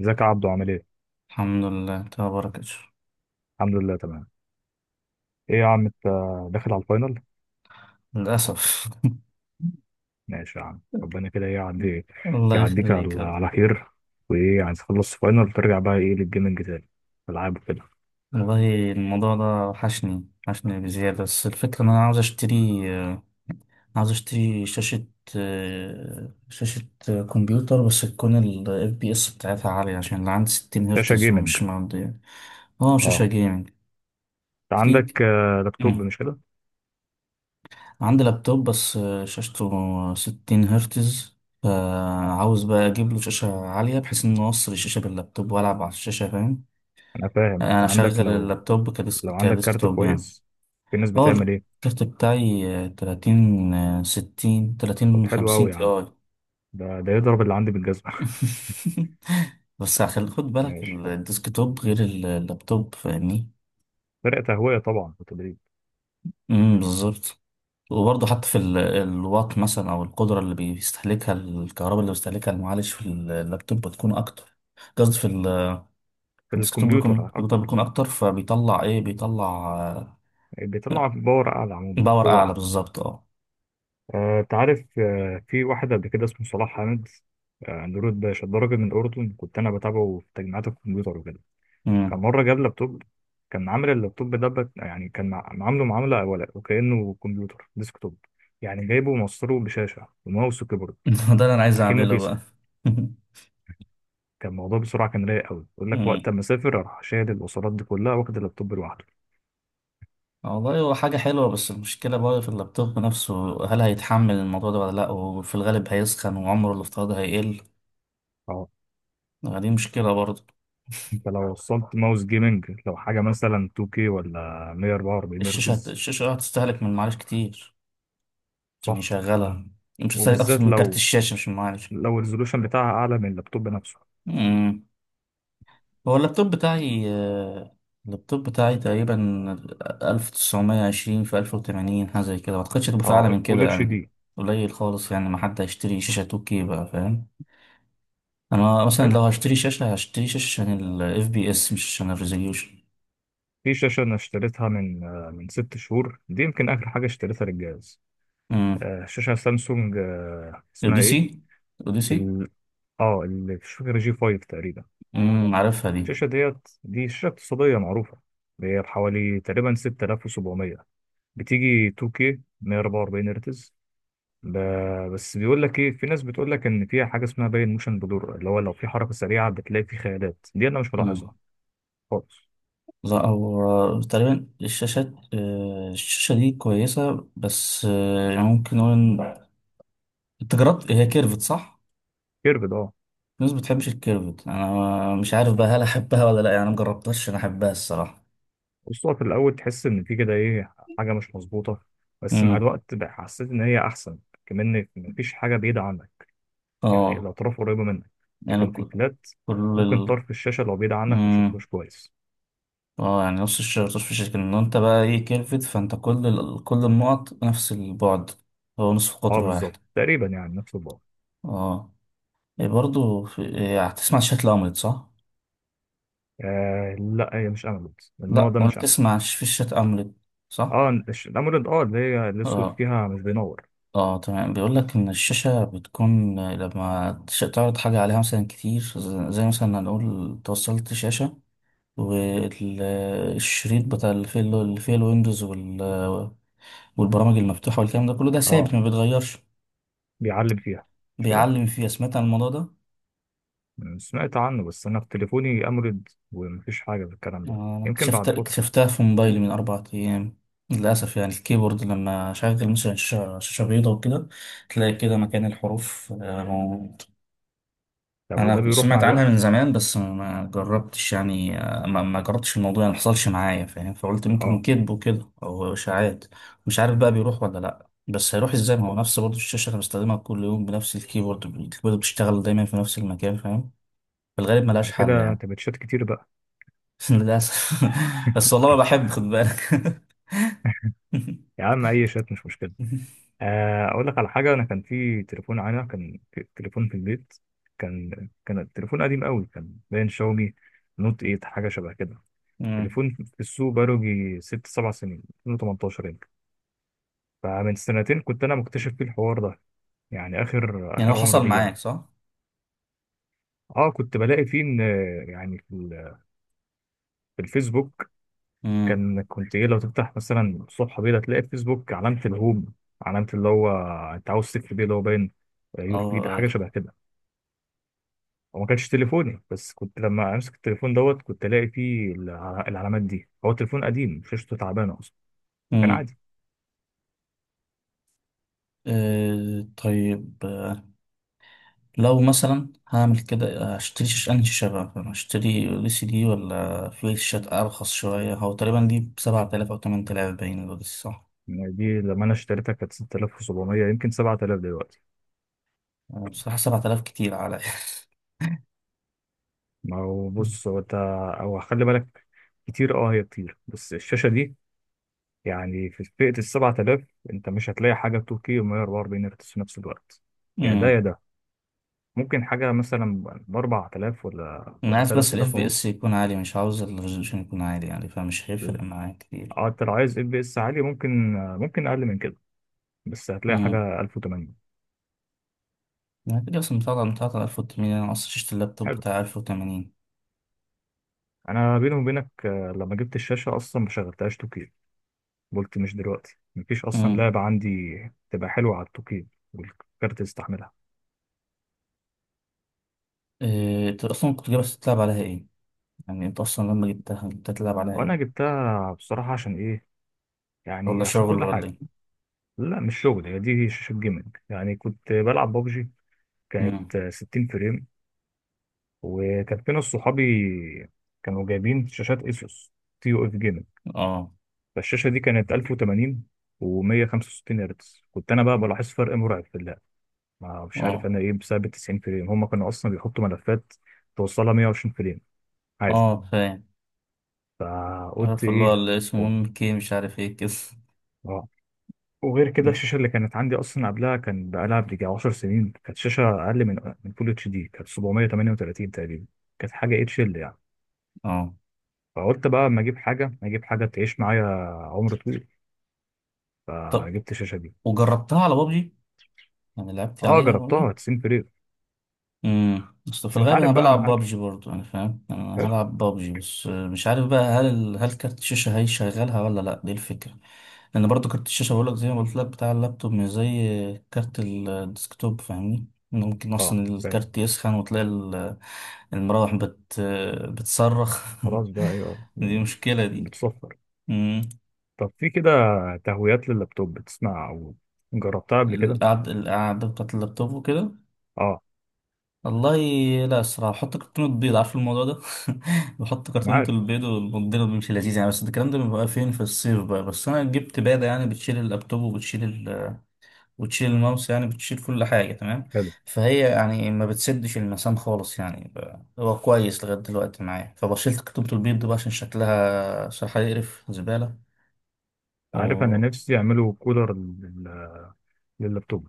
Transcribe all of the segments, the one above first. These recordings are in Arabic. ازيك يا عبدو عامل ايه؟ الحمد لله تبارك الشر. الحمد لله تمام. ايه يا عم انت داخل على الفاينل؟ للأسف. ماشي يا عم، ربنا كده ايه، يعدي الله يعديك يخليك يا على رب. خير. وايه، عايز تخلص فاينل ترجع بقى ايه للجيمنج تاني، العاب وكده. والله الموضوع ده وحشني وحشني بزيادة، بس الفكرة إن أنا عاوز أشتري، آه، عاوز أشتري شاشة شاشة كمبيوتر، بس تكون ال FPS بتاعتها عالية، عشان اللي عندي 60 شاشة هرتز جيمنج ومش معدية. اه، شاشة اه. جيمنج. انت في، عندك لابتوب مم. مش كده؟ عندي لابتوب بس شاشته 60 هرتز. فعاوز بقى أجيب له شاشة عالية، بحيث إن أوصل الشاشة باللابتوب وألعب على الشاشة، فاهم انا فاهم، يعني، انا انت عندك اشغل لو اللابتوب عندك كارت كديسكتوب يعني. كويس، في ناس اه، بتعمل ايه؟ الكارت بتاعي، 30 60 طب 30 حلو 50 قوي يا تي عم، اي ده يضرب اللي عندي بالجزمة. بس هخلي خد بالك، ماشي حلو. الديسكتوب غير اللابتوب، فاهمني. فرق تهوية طبعا وتدريب. بالظبط. وبرضه حتى في الوات مثلا او القدره اللي بيستهلكها، الكهرباء اللي بيستهلكها المعالج في اللابتوب بتكون اكتر. قصدي في في الديسكتوب، بيكون الكمبيوتر في الكمبيوتر اكتر، بيكون اكتر، فبيطلع بيطلع، آه، بيطلع باور اعلى عموما، باور قوة اعلى اعلى. بالظبط، اه. أنت عارف، في واحد قبل كده اسمه صلاح حامد، نورد باشا، ده راجل من الأردن، كنت أنا بتابعه في تجميعات الكمبيوتر وكده. كان مرة جاب لابتوب، كان عامل اللابتوب ده عامله معاملة ولا وكأنه كمبيوتر ديسكتوب، يعني جايبه وموصله بشاشة وماوس وكيبورد، ده اللي انا عايز أكنه اعمله كيسة. بقى. كان الموضوع بسرعة، كان رايق أوي يقول لك وقت أمم. ما أسافر أروح شايل الوصلات دي كلها واخد اللابتوب لوحده. والله هو حاجة حلوة، بس المشكلة بقى في اللابتوب نفسه، هل هيتحمل الموضوع ده ولا لأ، وفي الغالب هيسخن وعمره الافتراضي هيقل. أه، دي مشكلة برضه. فلو وصلت ماوس جيمنج، لو حاجة مثلا 2K ولا 144 هرتز. الشاشة هتستهلك من معالج كتير عشان صح، يشغلها. مش هتستهلك، أقصد، وبالذات من كارت لو الشاشة، مش من معالج. الريزولوشن بتاعها اعلى من اللابتوب نفسه. أمم. هو اللابتوب بتاعي، تقريبا 1920 في 1080، حاجة زي كده، متقدرش تبقى أعلى اه من فول كده اتش يعني. دي. قليل خالص يعني، ما حد هيشتري شاشة 2K بقى، فاهم. انا مثلا حلو. لو هشتري شاشه، هشتري شاشه عشان FPS، مش عشان الريزوليوشن. في شاشه انا اشتريتها من من ست شهور، دي يمكن اخر حاجه اشتريتها للجهاز. امم. شاشه سامسونج، اسمها ايه، اوديسي، اوديسي. ال... اه اللي مش فاكر، جي 5 تقريبا. امم، عارفها دي. الشاشه دي شاشه اقتصاديه معروفه، هي بحوالي تقريبا 6700، بتيجي 2K 144 هرتز. ب... بس بيقول لك ايه، في ناس بتقول لك ان فيها حاجه اسمها باين موشن بلور، اللي هو لو في حركه سريعه بتلاقي في خيالات، دي انا مش امم. ملاحظها خالص. لا، هو تقريبا الشاشات، الشاشه دي كويسه، بس يعني ممكن نقول، إن- انت جربت هي، كيرفت صح. كيربد اه. الناس ما بتحبش الكيرفت، انا مش عارف بقى هل احبها ولا لا، يعني انا مجربتهاش، انا احبها الصراحه. بص هو في الاول تحس ان في كده ايه حاجه مش مظبوطه، بس مع امم، الوقت بقى حسيت ان هي احسن، كمان إن مفيش حاجه بعيده عنك، يعني اه، الاطراف قريبه منك. يعني لكن في كل الفلات ممكن ال... طرف الشاشه لو بعيد عنك ما مم. تشوفوش كويس. اه، يعني نص الشهر طش في الشركة ان انت بقى ايه كيرفت، فانت كل النقط نفس البعد، هو نصف اه قطر واحد. بالظبط، تقريبا يعني نفس البعد. اه. إيه هتسمع شات الأملت صح؟ آه لا، هي مش اموليد، النوع لا، ده ولا مش اموليد. تسمع في شات أملت صح؟ اه الاموليد، اه اللي هي الاسود اه، فيها مش بينور. اه، تمام. بيقول لك ان الشاشة بتكون لما تعرض حاجة عليها مثلا كتير، زي مثلا هنقول توصلت شاشة، والشريط بتاع اللي فيه الويندوز والبرامج المفتوحة والكلام ده كله، ده ثابت اه، ما بيتغيرش. بيعلم فيها، مش كده؟ بيعلم فيها، سمعت عن الموضوع ده. أنا سمعت عنه، بس انا في تليفوني اموليد ومفيش حاجه في الكلام ده، انا يمكن بعد فتره. اكتشفتها في موبايلي من 4 أيام. للاسف يعني، الكيبورد لما اشغل مثلا شاشة بيضاء وكده، تلاقي كده مكان الحروف. طب وده انا بيروح مع سمعت عنها من الوقت؟ زمان، بس ما جربتش يعني، ما جربتش الموضوع، يعني ما حصلش معايا فاهم، فقلت يمكن اه. كذب وكده او اشاعات. مش عارف بقى بيروح ولا لا، بس هيروح ازاي ما هو نفس برضه الشاشه اللي بستخدمها كل يوم بنفس الكيبورد الكيبورد بيشتغل دايما في نفس المكان، فاهم. في الغالب بعد ملهاش حل كده يعني. تبقى شات كتير بقى. للأسف. بس والله ما بحب، خد بالك. يا عم اي شات مش مشكله. اقول لك على حاجه، انا كان في تليفون في البيت، كان التليفون قديم قوي، كان باين شاومي نوت 8 حاجه شبه كده، مم. تليفون في السوق بقاله يجي ست سبع سنين، 2018 يمكن. فمن سنتين كنت انا مكتشف فيه الحوار ده، يعني اخر يعني هو اخر عمر حصل دي معاك يعني. صح؟ اه كنت بلاقي فيه ان، يعني في الفيسبوك، امم. كنت ايه، لو تفتح مثلا الصفحه بيضاء تلاقي في فيسبوك علامه الهوم، علامه اللي هو انت عاوز تكتب ايه، اللي هو باين يور فيد أو. حاجه شبه كده. هو ما كانش تليفوني، بس كنت لما امسك التليفون دوت كنت الاقي فيه العلامات دي، هو تليفون قديم شاشته تعبانه اصلا، فكان امم. عادي. أه، طيب، لو مثلا هعمل كده، هشتري أنهي شاشة بقى؟ هشتري LCD، ولا في شاشات أرخص شوية؟ هو تقريبا دي بسبعة آلاف أو تمن آلاف باين، دول صح؟ يعني دي لما انا اشتريتها كانت 6700، يمكن 7000 دلوقتي. بصراحة سبعة آلاف كتير على، ما هو بص، هو خلي بالك، كتير اه، هي كتير، بس الشاشه دي يعني في فئة السبعة آلاف، أنت مش هتلاقي حاجة 2K و144 هرتز في نفس الوقت. يا ده امم. يا ده، ممكن حاجة مثلا بأربعة آلاف ولا أنا ولا عايز تلات بس ال آلاف FPS ونص. يكون عالي، مش عاوز الريزولوشن يكون عالي يعني، فمش هيفرق معايا كتير. اه، أنت لو عايز اف بي اس عالي، ممكن أقل من كده، بس هتلاقي حاجة 1080. أنا كده أصلا بتاعت 1800، أنا أصلا شفت اللابتوب حلو. بتاع 1080. أنا بيني وبينك، لما جبت الشاشة أصلا ما شغلتهاش 2K، قلت مش دلوقتي، مفيش أصلا أمم. لعبة عندي تبقى حلوة على 2K والكارت يستحملها. إيه، أنت أصلا كنت جايبها تلعب عليها إيه؟ يعني أنت أصلا لما جبتها تلعب عليها وأنا إيه؟ جبتها بصراحة عشان إيه؟ ولا يعني عشان شغل كل ولا حاجة. إيه؟ لا مش شغل، هي دي شاشة جيمنج يعني، كنت بلعب بابجي، أمم. كانت 60 فريم، وكان في ناس صحابي كانوا جايبين شاشات اسوس تي يو اف جيمنج، آه، فالشاشة دي كانت 1080 و165 هرتز، كنت انا بقى بلاحظ فرق مرعب في اللعب. ما مش عارف آه، انا ايه، بسبب ال 90 فريم، هم كانوا اصلا بيحطوا ملفات توصلها 120 فريم عادي. آه. فاهم. فقلت عارف اللي هو ايه، اللي اسمه MK، مش عارف إيه كده. وغير كده أمم. الشاشه اللي كانت عندي اصلا قبلها كان بقالها بيجي 10 سنين، كانت شاشه اقل من فول اتش دي، كانت 738 تقريبا، كانت حاجه اتش ال يعني. آه، فقلت بقى اما اجيب حاجه تعيش معايا عمر طويل، طب، فجبت الشاشه دي. وجربتها على بابجي؟ يعني لعبت اه عليها. جربتها 90 فريم. امم، اصل في بس انت الغالب عارف انا بقى بلعب المحاكي. بابجي برضو، يعني فاهم، يعني انا حلو. هلعب بابجي، بس مش عارف بقى هل كارت الشاشه هيشغلها ولا لا، دي الفكره. لان برضو كارت الشاشه، بقول لك زي ما قلت لك، بتاع اللابتوب مش زي كارت الديسكتوب، فاهمني. إنه ممكن اه اصلا فاهم. الكارت يسخن، وتلاقي المراوح بتصرخ. خلاص بقى ايوه، دي مشكله دي. بتصفر. امم. طب في كده تهويات لللابتوب بتسمع، او جربتها قبل كده؟ القعده، بتاعت اللابتوب وكده. اه والله، لا، الصراحة بحط كرتونة بيض، عارف الموضوع ده. بحط انا كرتونة عارف. البيض والمضرب بيمشي لذيذ يعني، بس الكلام ده بيبقى فين في الصيف بقى، بس أنا جبت بادة، يعني بتشيل اللابتوب وتشيل الماوس، يعني بتشيل كل حاجة تمام. حلو. فهي يعني ما بتسدش المسام خالص يعني، هو كويس لغاية دلوقتي معايا، فبشيلت كرتونة البيض دي بقى، عشان شكلها صراحة يقرف زبالة. عارف انا و نفسي يعملوا كولر لللابتوب،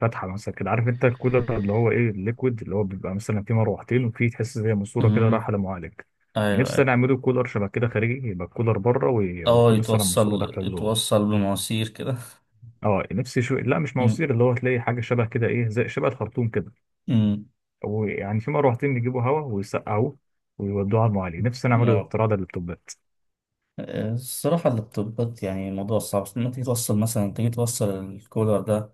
فاتحه مثلا كده، عارف انت الكولر اللي هو ايه، الليكويد اللي هو بيبقى مثلا فيه مروحتين وفيه تحس زي ماسوره كده مم. رايحه للمعالج. أيوه، نفسي انا أيوه. اعمله كولر شبه كده خارجي، يبقى الكولر بره أه، وفيه مثلا ماسوره داخله جوه. يتوصل بمواسير كده. اه نفسي شو، لا مش مم. مواسير، اللي هو تلاقي حاجه شبه كده ايه، زي شبه الخرطوم كده، ويعني في مروحتين يجيبوا هواء ويسقعوه ويودوه على المعالج. نفسي انا اعمله مم. الاختراع ده لللابتوبات. الصراحة اللابتوبات يعني، الموضوع صعب، بس لما تيجي توصل الكولر ده،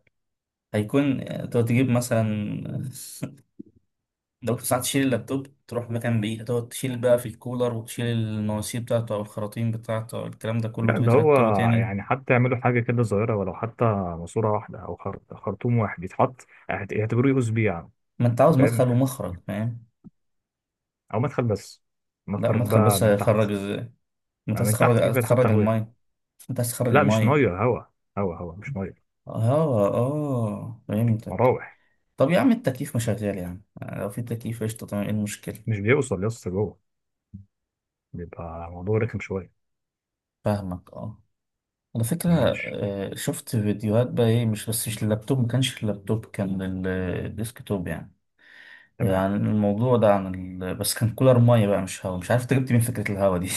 هيكون، تقعد تجيب مثلا، لو ساعات تشيل اللابتوب تروح مكان بعيد، هتقعد تشيل بقى في الكولر، وتشيل المواسير بتاعته أو الخراطيم بتاعته أو الكلام ده كله، لا تيجي ده هو، تركبه تاني. يعني حتى يعملوا حاجه كده صغيره، ولو حتى ماسوره واحده او خرطوم واحد يتحط، يعتبروه يو اس بي يعني. ما أنت عاوز انت فاهم، مدخل ومخرج، فاهم. او مدخل بس، لا، نخرج مدخل بقى بس من تحت. هيخرج ازاي، ما أنت ما عايز من تحت في تخرج، بقى حتى تخرج هواء، الماية، أنت عايز تخرج لا مش الماية. ميه، هوا. هوا هوا مش ميه. اه، اه، فهمتك. مراوح. طب يا عم، التكييف مشغل يعني، لو في تكييف قشطة تمام، ايه مش المشكلة. بيوصل يا اسطى جوه، بيبقى الموضوع رخم شويه. فاهمك، اه. على فكرة، ماشي شفت فيديوهات بقى ايه، مش بس مش اللابتوب، ما كانش اللابتوب، كان الديسكتوب يعني، تمام. عن الموضوع ده، عن ال... بس كان كولر مية بقى، مش هوا، مش عارف انت جبت من فكرة الهوا دي.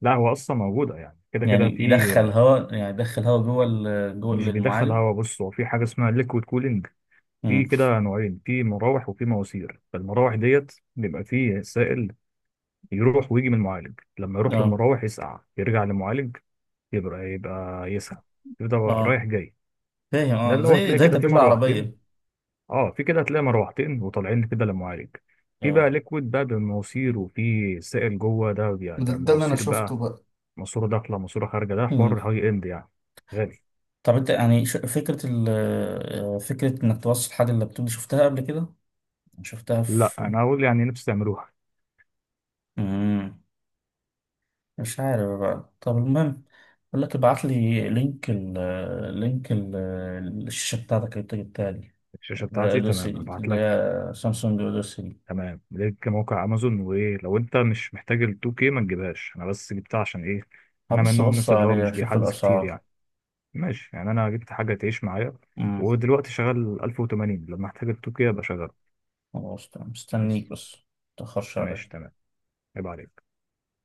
لا هو اصلا موجوده، يعني كده كده في. يعني يدخل هوا جوه ال... جوه مش بيدخل المعالج. هوا، بص هو في حاجه اسمها ليكويد كولينج، في امم، كده نوعين، في مراوح وفي مواسير. فالمراوح ديت بيبقى فيه سائل يروح ويجي من المعالج، لما يروح اه، للمراوح يسقع يرجع للمعالج، يبقى يسخن، يبقى رايح اه، جاي. فاهم، ده اه، اللي هو هتلاقي زي كده في تبريد مروحتين، العربية. اه في كده هتلاقي مروحتين وطالعين كده للمعالج. في بقى اه، ليكويد بقى بمواسير، وفي سائل جوه، ده ده ده اللي انا مواسير بقى، شفته بقى. ماسوره داخله ماسوره خارجه، ده امم. حوار هاي اند يعني، غالي. طب انت يعني، فكرة ال فكرة انك توصل حاجة اللابتوب دي، شفتها قبل كده؟ شفتها لا في، انا هقول يعني نفسي تعملوها. امم. مش عارف بقى، طب المهم، بقول لك ابعت لي لينك ال لينك ال الشاشة بتاعتك، اللي انت جبتها لي، الشاشه اللي هي بتاعتي اوديسي، تمام هبعت اللي لك. هي سامسونج اوديسي دي. تمام ليك موقع امازون، وايه، لو انت مش محتاج ال 2K ما تجيبهاش، انا بس جبتها عشان ايه، انا من نوع بص الناس اللي هو عليها مش اشوف بيحدث كتير الاسعار. يعني. ماشي، يعني انا جبت حاجه تعيش معايا، امم. ودلوقتي شغال 1080، لما احتاج ال 2K ابقى شغال. خلاص تمام. بس. مستنيك، بس متأخرش ماشي عليا. تمام، عيب عليك.